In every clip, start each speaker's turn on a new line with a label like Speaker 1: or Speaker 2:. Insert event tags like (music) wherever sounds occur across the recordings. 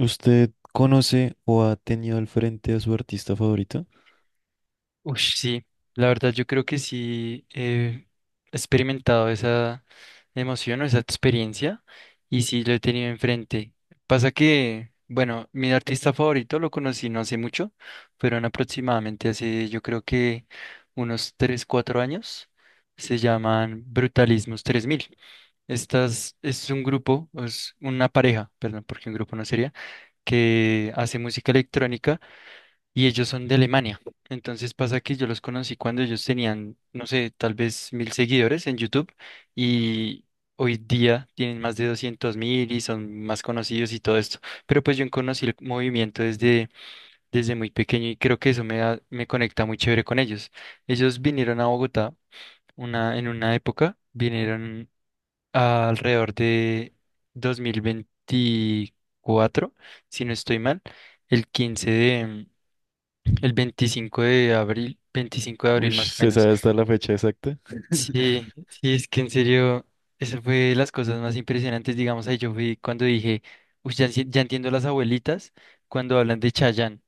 Speaker 1: ¿Usted conoce o ha tenido al frente a su artista favorito?
Speaker 2: Uy, sí, la verdad yo creo que sí he experimentado esa emoción o esa experiencia y sí lo he tenido enfrente. Pasa que, bueno, mi artista favorito lo conocí no hace mucho, fueron aproximadamente hace yo creo que unos 3 4 años. Se llaman Brutalismos tres mil. Estas es un grupo, es una pareja, perdón, porque un grupo no sería, que hace música electrónica y ellos son de Alemania. Entonces pasa que yo los conocí cuando ellos tenían, no sé, tal vez 1.000 seguidores en YouTube y hoy día tienen más de 200.000 y son más conocidos y todo esto. Pero pues yo conocí el movimiento desde muy pequeño y creo que eso me conecta muy chévere con ellos. Ellos vinieron a Bogotá en una época, vinieron alrededor de 2024 si no estoy mal, el 15 de... El 25 de abril, 25 de
Speaker 1: Uy,
Speaker 2: abril más o
Speaker 1: ¿se
Speaker 2: menos.
Speaker 1: sabe hasta la fecha exacta?
Speaker 2: Sí, sí, es que en serio, eso fue de las cosas más impresionantes, digamos, ahí yo fui cuando dije, "Uy, ya, ya entiendo las abuelitas cuando hablan de Chayanne,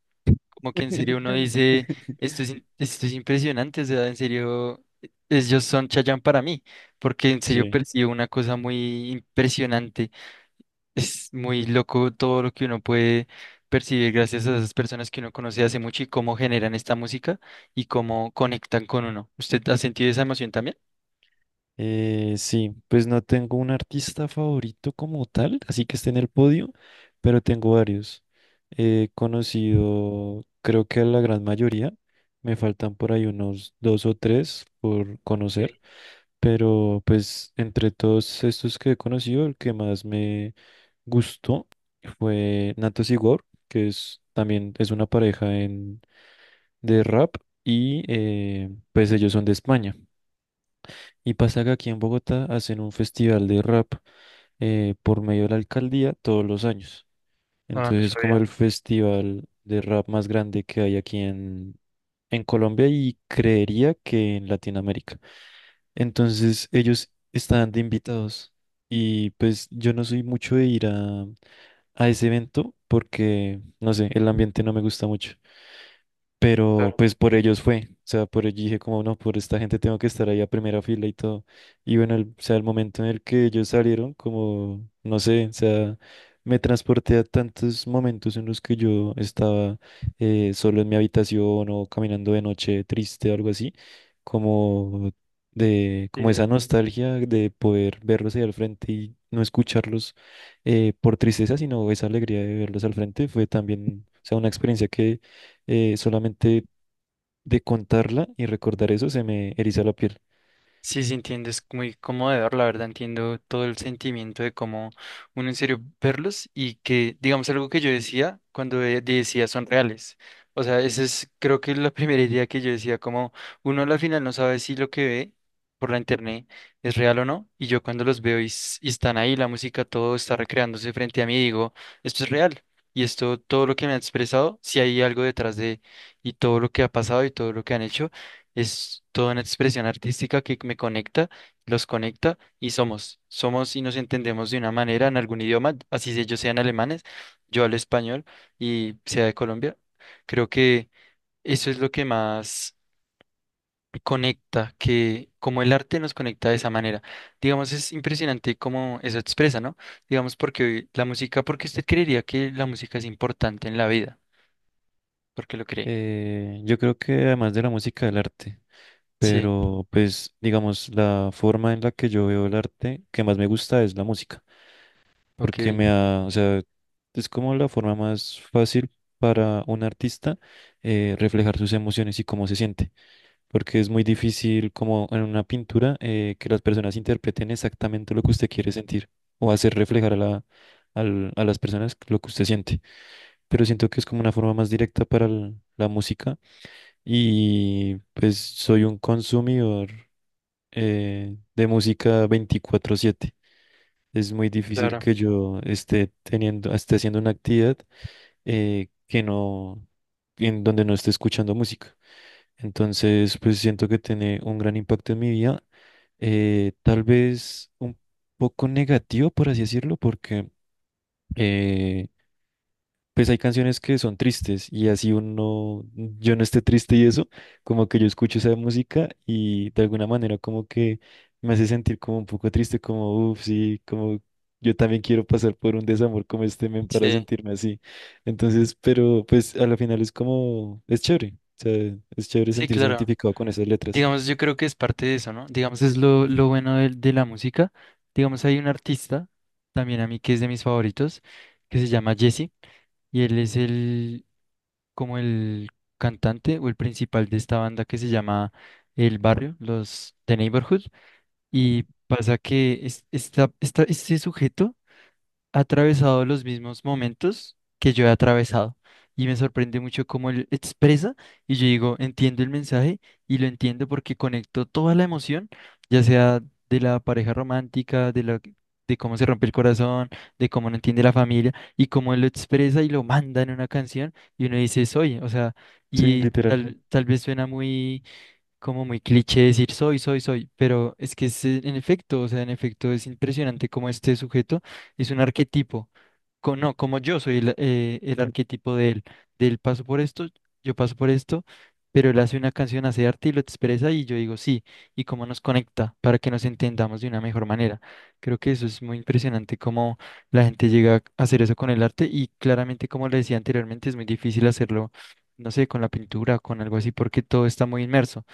Speaker 2: como que en serio uno dice,
Speaker 1: (laughs)
Speaker 2: esto es impresionante, o sea, en serio, ellos son Chayanne para mí, porque en serio
Speaker 1: Sí.
Speaker 2: percibo una cosa muy impresionante es muy loco todo lo que uno puede percibir gracias a esas personas que uno conoce hace mucho y cómo generan esta música y cómo conectan con uno. ¿Usted ha sentido esa emoción también?
Speaker 1: Sí, pues no tengo un artista favorito como tal, así que esté en el podio, pero tengo varios. He conocido, creo que a la gran mayoría, me faltan por ahí unos dos o tres por
Speaker 2: Sí.
Speaker 1: conocer. Pero pues entre todos estos que he conocido, el que más me gustó fue Natos Igor, que es también es una pareja de rap y pues ellos son de España. Y pasa que aquí en Bogotá hacen un festival de rap por medio de la alcaldía todos los años.
Speaker 2: Ah, no
Speaker 1: Entonces es como
Speaker 2: sabía.
Speaker 1: el festival de rap más grande que hay aquí en Colombia y creería que en Latinoamérica. Entonces ellos estaban de invitados y pues yo no soy mucho de ir a ese evento porque, no sé, el ambiente no me gusta mucho. Pero
Speaker 2: Claro.
Speaker 1: pues por ellos fue, o sea, por ellos dije como no, por esta gente tengo que estar ahí a primera fila y todo. Y bueno, o sea, el momento en el que ellos salieron, como, no sé, o sea, me transporté a tantos momentos en los que yo estaba solo en mi habitación o caminando de noche triste o algo así, como como esa
Speaker 2: Sí.
Speaker 1: nostalgia de poder verlos ahí al frente y no escucharlos por tristeza, sino esa alegría de verlos al frente fue también, o sea, una experiencia que solamente de contarla y recordar eso se me eriza la piel.
Speaker 2: Sí, sí, entiendo, es muy conmovedor, la verdad, entiendo todo el sentimiento de cómo uno en serio verlos y que, digamos, algo que yo decía cuando decía son reales. O sea, esa es creo que la (laughs) primera idea que yo decía, como uno a la final no sabe si lo que ve por la internet es real o no, y yo cuando los veo y, y están ahí, la música, todo está recreándose frente a mí, digo, esto es real. Y esto, todo lo que me han expresado, si hay algo detrás de, y todo lo que ha pasado y todo lo que han hecho. Es toda una expresión artística que me conecta, los conecta y somos y nos entendemos de una manera en algún idioma, así si ellos sean alemanes, yo hablo español y sea de Colombia. Creo que eso es lo que más conecta, que como el arte nos conecta de esa manera. Digamos, es impresionante cómo eso expresa, ¿no? Digamos, porque la música, porque usted creería que la música es importante en la vida, porque lo cree.
Speaker 1: Yo creo que además de la música, el arte,
Speaker 2: Sí,
Speaker 1: pero pues digamos, la forma en la que yo veo el arte que más me gusta es la música,
Speaker 2: ok,
Speaker 1: porque me ha, o sea, es como la forma más fácil para un artista reflejar sus emociones y cómo se siente, porque es muy difícil como en una pintura que las personas interpreten exactamente lo que usted quiere sentir o hacer reflejar a a las personas lo que usted siente. Pero siento que es como una forma más directa para la música y pues soy un consumidor de música 24/7. Es muy difícil
Speaker 2: claro.
Speaker 1: que yo esté teniendo, esté haciendo una actividad que no, en donde no esté escuchando música. Entonces, pues siento que tiene un gran impacto en mi vida, tal vez un poco negativo, por así decirlo, porque eh, pues hay canciones que son tristes y así uno, yo no esté triste y eso, como que yo escucho esa música y de alguna manera como que me hace sentir como un poco triste, como, uff, sí, como yo también quiero pasar por un desamor como este men para
Speaker 2: Sí,
Speaker 1: sentirme así. Entonces, pero pues a la final es como, es chévere, o sea, es chévere
Speaker 2: sí,
Speaker 1: sentirse
Speaker 2: claro.
Speaker 1: identificado con esas letras.
Speaker 2: Digamos, yo creo que es parte de eso, ¿no? Digamos, es lo bueno de la música. Digamos, hay un artista, también a mí, que es de mis favoritos, que se llama Jesse, y él es el, como el cantante o el principal de esta banda que se llama El Barrio, los The Neighborhood, y
Speaker 1: Ujú.
Speaker 2: pasa que este sujeto ha atravesado los mismos momentos que yo he atravesado. Y me sorprende mucho cómo él expresa y yo digo, entiendo el mensaje y lo entiendo porque conecto toda la emoción, ya sea de la pareja romántica, de cómo se rompe el corazón, de cómo no entiende la familia y cómo él lo expresa y lo manda en una canción y uno dice, soy, o sea,
Speaker 1: Sí,
Speaker 2: y
Speaker 1: literal.
Speaker 2: tal vez suena muy como muy cliché decir soy, soy, soy, pero es que es en efecto, o sea, en efecto es impresionante como este sujeto es un arquetipo, co- no, como yo soy el arquetipo de él paso por esto, yo paso por esto, pero él hace una canción, hace arte y lo expresa y yo digo sí, y cómo nos conecta para que nos entendamos de una mejor manera. Creo que eso es muy impresionante cómo la gente llega a hacer eso con el arte y claramente, como le decía anteriormente, es muy difícil hacerlo, no sé, con la pintura, con algo así, porque todo está muy inmerso.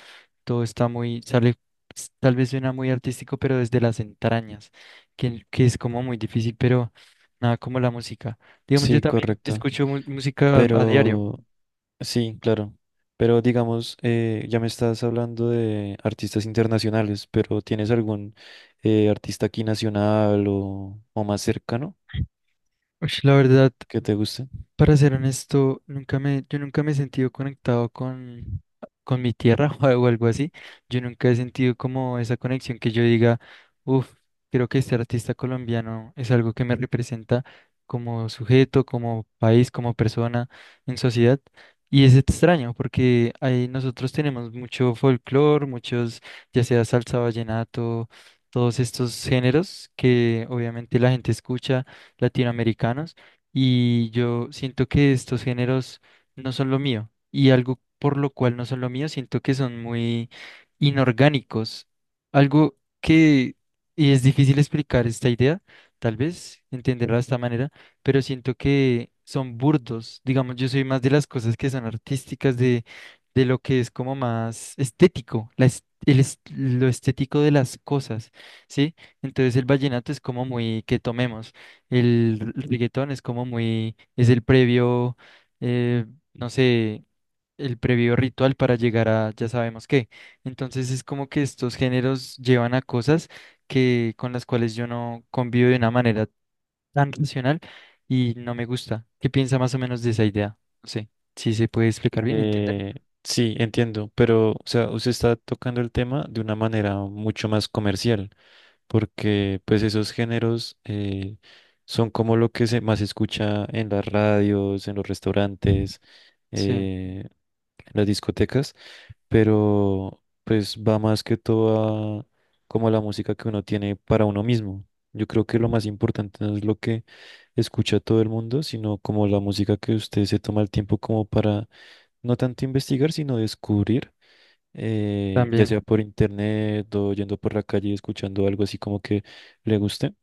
Speaker 2: Todo está muy, sale, tal vez suena muy artístico, pero desde las entrañas, que es como muy difícil, pero nada como la música. Digamos, yo
Speaker 1: Sí,
Speaker 2: también
Speaker 1: correcto.
Speaker 2: escucho música a diario.
Speaker 1: Pero sí, claro. Pero digamos, ya me estás hablando de artistas internacionales, pero ¿tienes algún artista aquí nacional o más cercano
Speaker 2: Ush, la verdad,
Speaker 1: que te guste?
Speaker 2: para ser honesto, nunca me, yo nunca me he sentido conectado con mi tierra (laughs) o algo así. Yo nunca he sentido como esa conexión que yo diga, uff, creo que este artista colombiano es algo que me representa como sujeto, como país, como persona en sociedad. Y es extraño porque ahí nosotros tenemos mucho folclore, muchos, ya sea salsa, vallenato, todos estos géneros que obviamente la gente escucha, latinoamericanos y yo siento que estos géneros no son lo mío y algo por lo cual no son lo mío, siento que son muy inorgánicos. Algo que, y es difícil explicar esta idea, tal vez entenderla de esta manera, pero siento que son burdos. Digamos, yo soy más de las cosas que son artísticas, de lo que es como más estético, la es- el es- lo estético de las cosas, ¿sí? Entonces el vallenato es como muy que tomemos. El reggaetón es como muy, es el previo, eh, no sé, el previo ritual para llegar a ya sabemos qué. Entonces es como que estos géneros llevan a cosas que con las cuales yo no convivo de una manera tan racional y no me gusta. ¿Qué piensa más o menos de esa idea? No sé, si se puede explicar bien, ¿entiendes?
Speaker 1: Eh, sí, entiendo, pero o sea, usted está tocando el tema de una manera mucho más comercial, porque pues esos géneros son como lo que se más escucha en las radios, en los restaurantes,
Speaker 2: Sí,
Speaker 1: eh, en las discotecas, pero pues va más que todo a como la música que uno tiene para uno mismo. Yo creo que lo más importante no es lo que escucha todo el mundo, sino como la música que usted se toma el tiempo como para no tanto investigar, sino descubrir ya
Speaker 2: también.
Speaker 1: sea por internet o yendo por la calle y escuchando algo así como que le guste.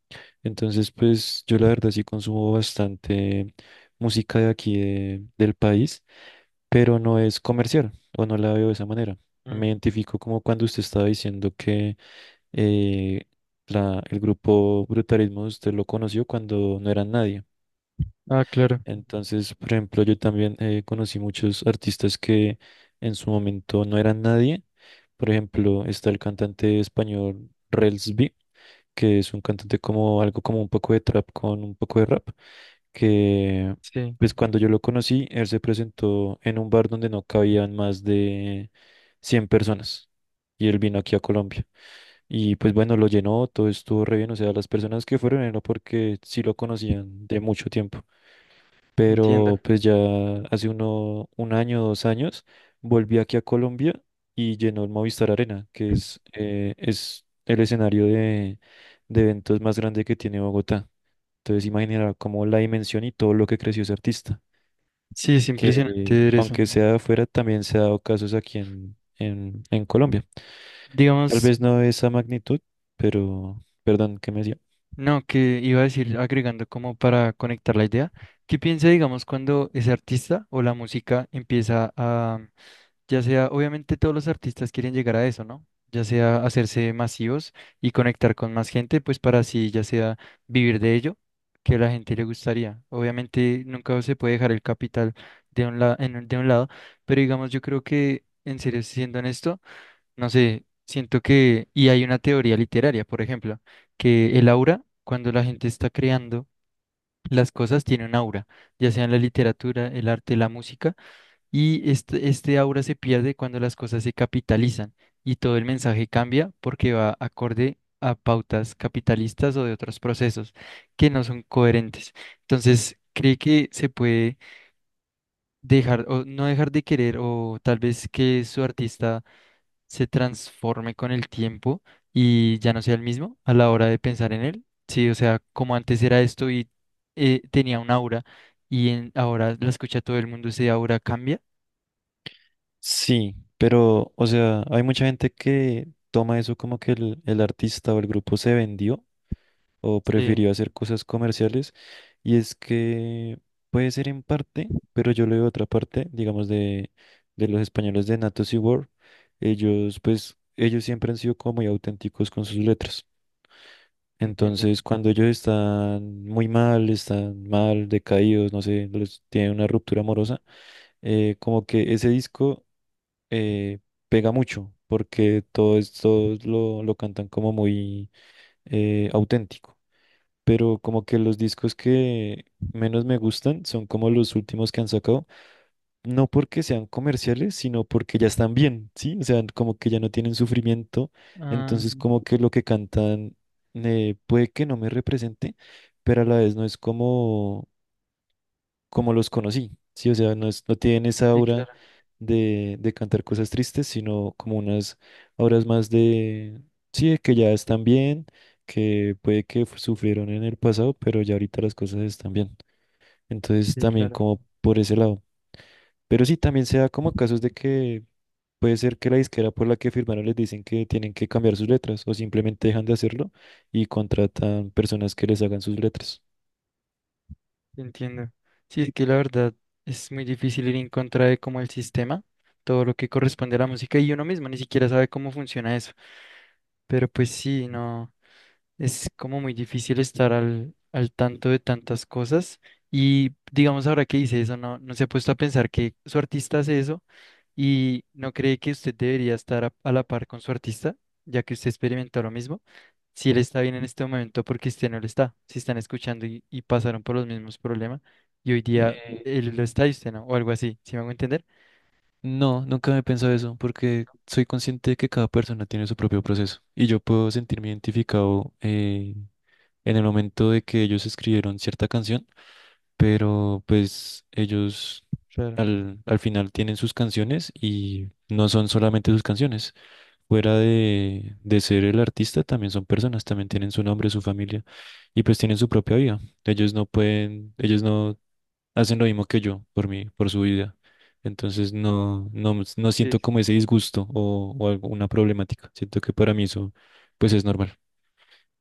Speaker 1: Entonces, pues yo la verdad sí consumo bastante música de aquí del país, pero no es comercial o no la veo de esa manera.
Speaker 2: Mm,
Speaker 1: Me identifico como cuando usted estaba diciendo que eh, el grupo Brutalismo usted lo conoció cuando no era nadie.
Speaker 2: ah, claro,
Speaker 1: Entonces, por ejemplo, yo también conocí muchos artistas que en su momento no eran nadie. Por ejemplo, está el cantante español Rels B, que es un cantante como algo como un poco de trap con un poco de rap, que
Speaker 2: sí,
Speaker 1: pues cuando yo lo conocí, él se presentó en un bar donde no cabían más de 100 personas y él vino aquí a Colombia. Y pues bueno, lo llenó, todo estuvo re bien, o sea, las personas que fueron era porque sí lo conocían de mucho tiempo,
Speaker 2: entiendo.
Speaker 1: pero pues ya hace un año, dos años, volví aquí a Colombia y llenó el Movistar Arena, que es el escenario de eventos más grande que tiene Bogotá. Entonces imaginará como la dimensión y todo lo que creció ese artista,
Speaker 2: Sí, es impresionante
Speaker 1: que
Speaker 2: ver eso.
Speaker 1: aunque sea de afuera, también se ha dado casos aquí en Colombia. Tal
Speaker 2: Digamos.
Speaker 1: vez no de esa magnitud, pero perdón, ¿qué me decía?
Speaker 2: No, que iba a decir, agregando como para conectar la idea, ¿qué piensa, digamos, cuando ese artista o la música empieza a, ya sea, obviamente todos los artistas quieren llegar a eso, ¿no? Ya sea hacerse masivos y conectar con más gente, pues para así, ya sea vivir de ello, que a la gente le gustaría. Obviamente nunca se puede dejar el capital de un la- en un- de un lado, pero digamos, yo creo que, en serio, siendo honesto, no sé, siento que, y hay una teoría literaria, por ejemplo, que el aura, cuando la gente está creando las cosas, tiene un aura, ya sea en la literatura, el arte, la música, y este aura se pierde cuando las cosas se capitalizan y todo el mensaje cambia porque va acorde a pautas capitalistas o de otros procesos que no son coherentes. Entonces, cree que se puede dejar o no dejar de querer o tal vez que su artista se transforme con el tiempo y ya no sea el mismo a la hora de pensar en él. Sí, o sea, como antes era esto y tenía un aura y ahora la escucha todo el mundo, ese aura cambia.
Speaker 1: Sí, pero, o sea, hay mucha gente que toma eso como que el artista o el grupo se vendió o
Speaker 2: Sí,
Speaker 1: prefirió hacer cosas comerciales, y es que puede ser en parte, pero yo leo otra parte, digamos, de los españoles de Natos y Word. Ellos, pues, ellos siempre han sido como muy auténticos con sus letras.
Speaker 2: entiendo.
Speaker 1: Entonces, cuando ellos están muy mal, están mal, decaídos, no sé, tienen una ruptura amorosa, como que ese disco eh, pega mucho, porque todo esto lo cantan como muy auténtico. Pero como que los discos que menos me gustan son como los últimos que han sacado, no porque sean comerciales, sino porque ya están bien, ¿sí? O sea, como que ya no tienen sufrimiento,
Speaker 2: Ah,
Speaker 1: entonces como que lo que cantan puede que no me represente, pero a la vez no es como como los conocí, ¿sí? O sea, no, no tienen esa
Speaker 2: sí,
Speaker 1: aura
Speaker 2: claro,
Speaker 1: de cantar cosas tristes, sino como unas auras más de, sí, de que ya están bien, que puede que sufrieron en el pasado, pero ya ahorita las cosas están bien. Entonces
Speaker 2: sí,
Speaker 1: también
Speaker 2: claro,
Speaker 1: como por ese lado. Pero sí, también se da como casos de que puede ser que la disquera por la que firmaron les dicen que tienen que cambiar sus letras o simplemente dejan de hacerlo y contratan personas que les hagan sus letras.
Speaker 2: entiendo. Sí, es que la verdad es muy difícil ir en contra de como el sistema, todo lo que corresponde a la música y uno mismo ni siquiera sabe cómo funciona eso. Pero pues sí, no. Es como muy difícil estar al tanto de tantas cosas. Y digamos, ahora que dice eso, no, no se ha puesto a pensar que su artista hace eso y no cree que usted debería estar a la par con su artista, ya que usted experimentó lo mismo. Si él está bien en este momento, porque usted no lo está. Si están escuchando y pasaron por los mismos problemas y hoy día
Speaker 1: Eh,
Speaker 2: él lo está y usted no, o algo así. ¿Sí me hago entender?
Speaker 1: No, nunca me he pensado eso, porque soy consciente de que cada persona tiene su propio proceso y yo puedo sentirme identificado en el momento de que ellos escribieron cierta canción, pero pues ellos
Speaker 2: Claro.
Speaker 1: al final tienen sus canciones y no son solamente sus canciones. Fuera de ser el artista, también son personas, también tienen su nombre, su familia y pues tienen su propia vida. Ellos no pueden, ellos no hacen lo mismo que yo por mí, por su vida. Entonces no, no
Speaker 2: Sí,
Speaker 1: siento
Speaker 2: es
Speaker 1: como ese disgusto o alguna problemática. Siento que para mí eso pues es normal.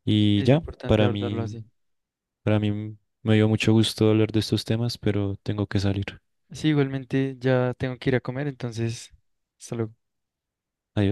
Speaker 1: Y
Speaker 2: es
Speaker 1: ya,
Speaker 2: importante abordarlo así.
Speaker 1: para mí me dio mucho gusto hablar de estos temas, pero tengo que salir.
Speaker 2: Sí, igualmente ya tengo que ir a comer, entonces, hasta luego.
Speaker 1: Adiós.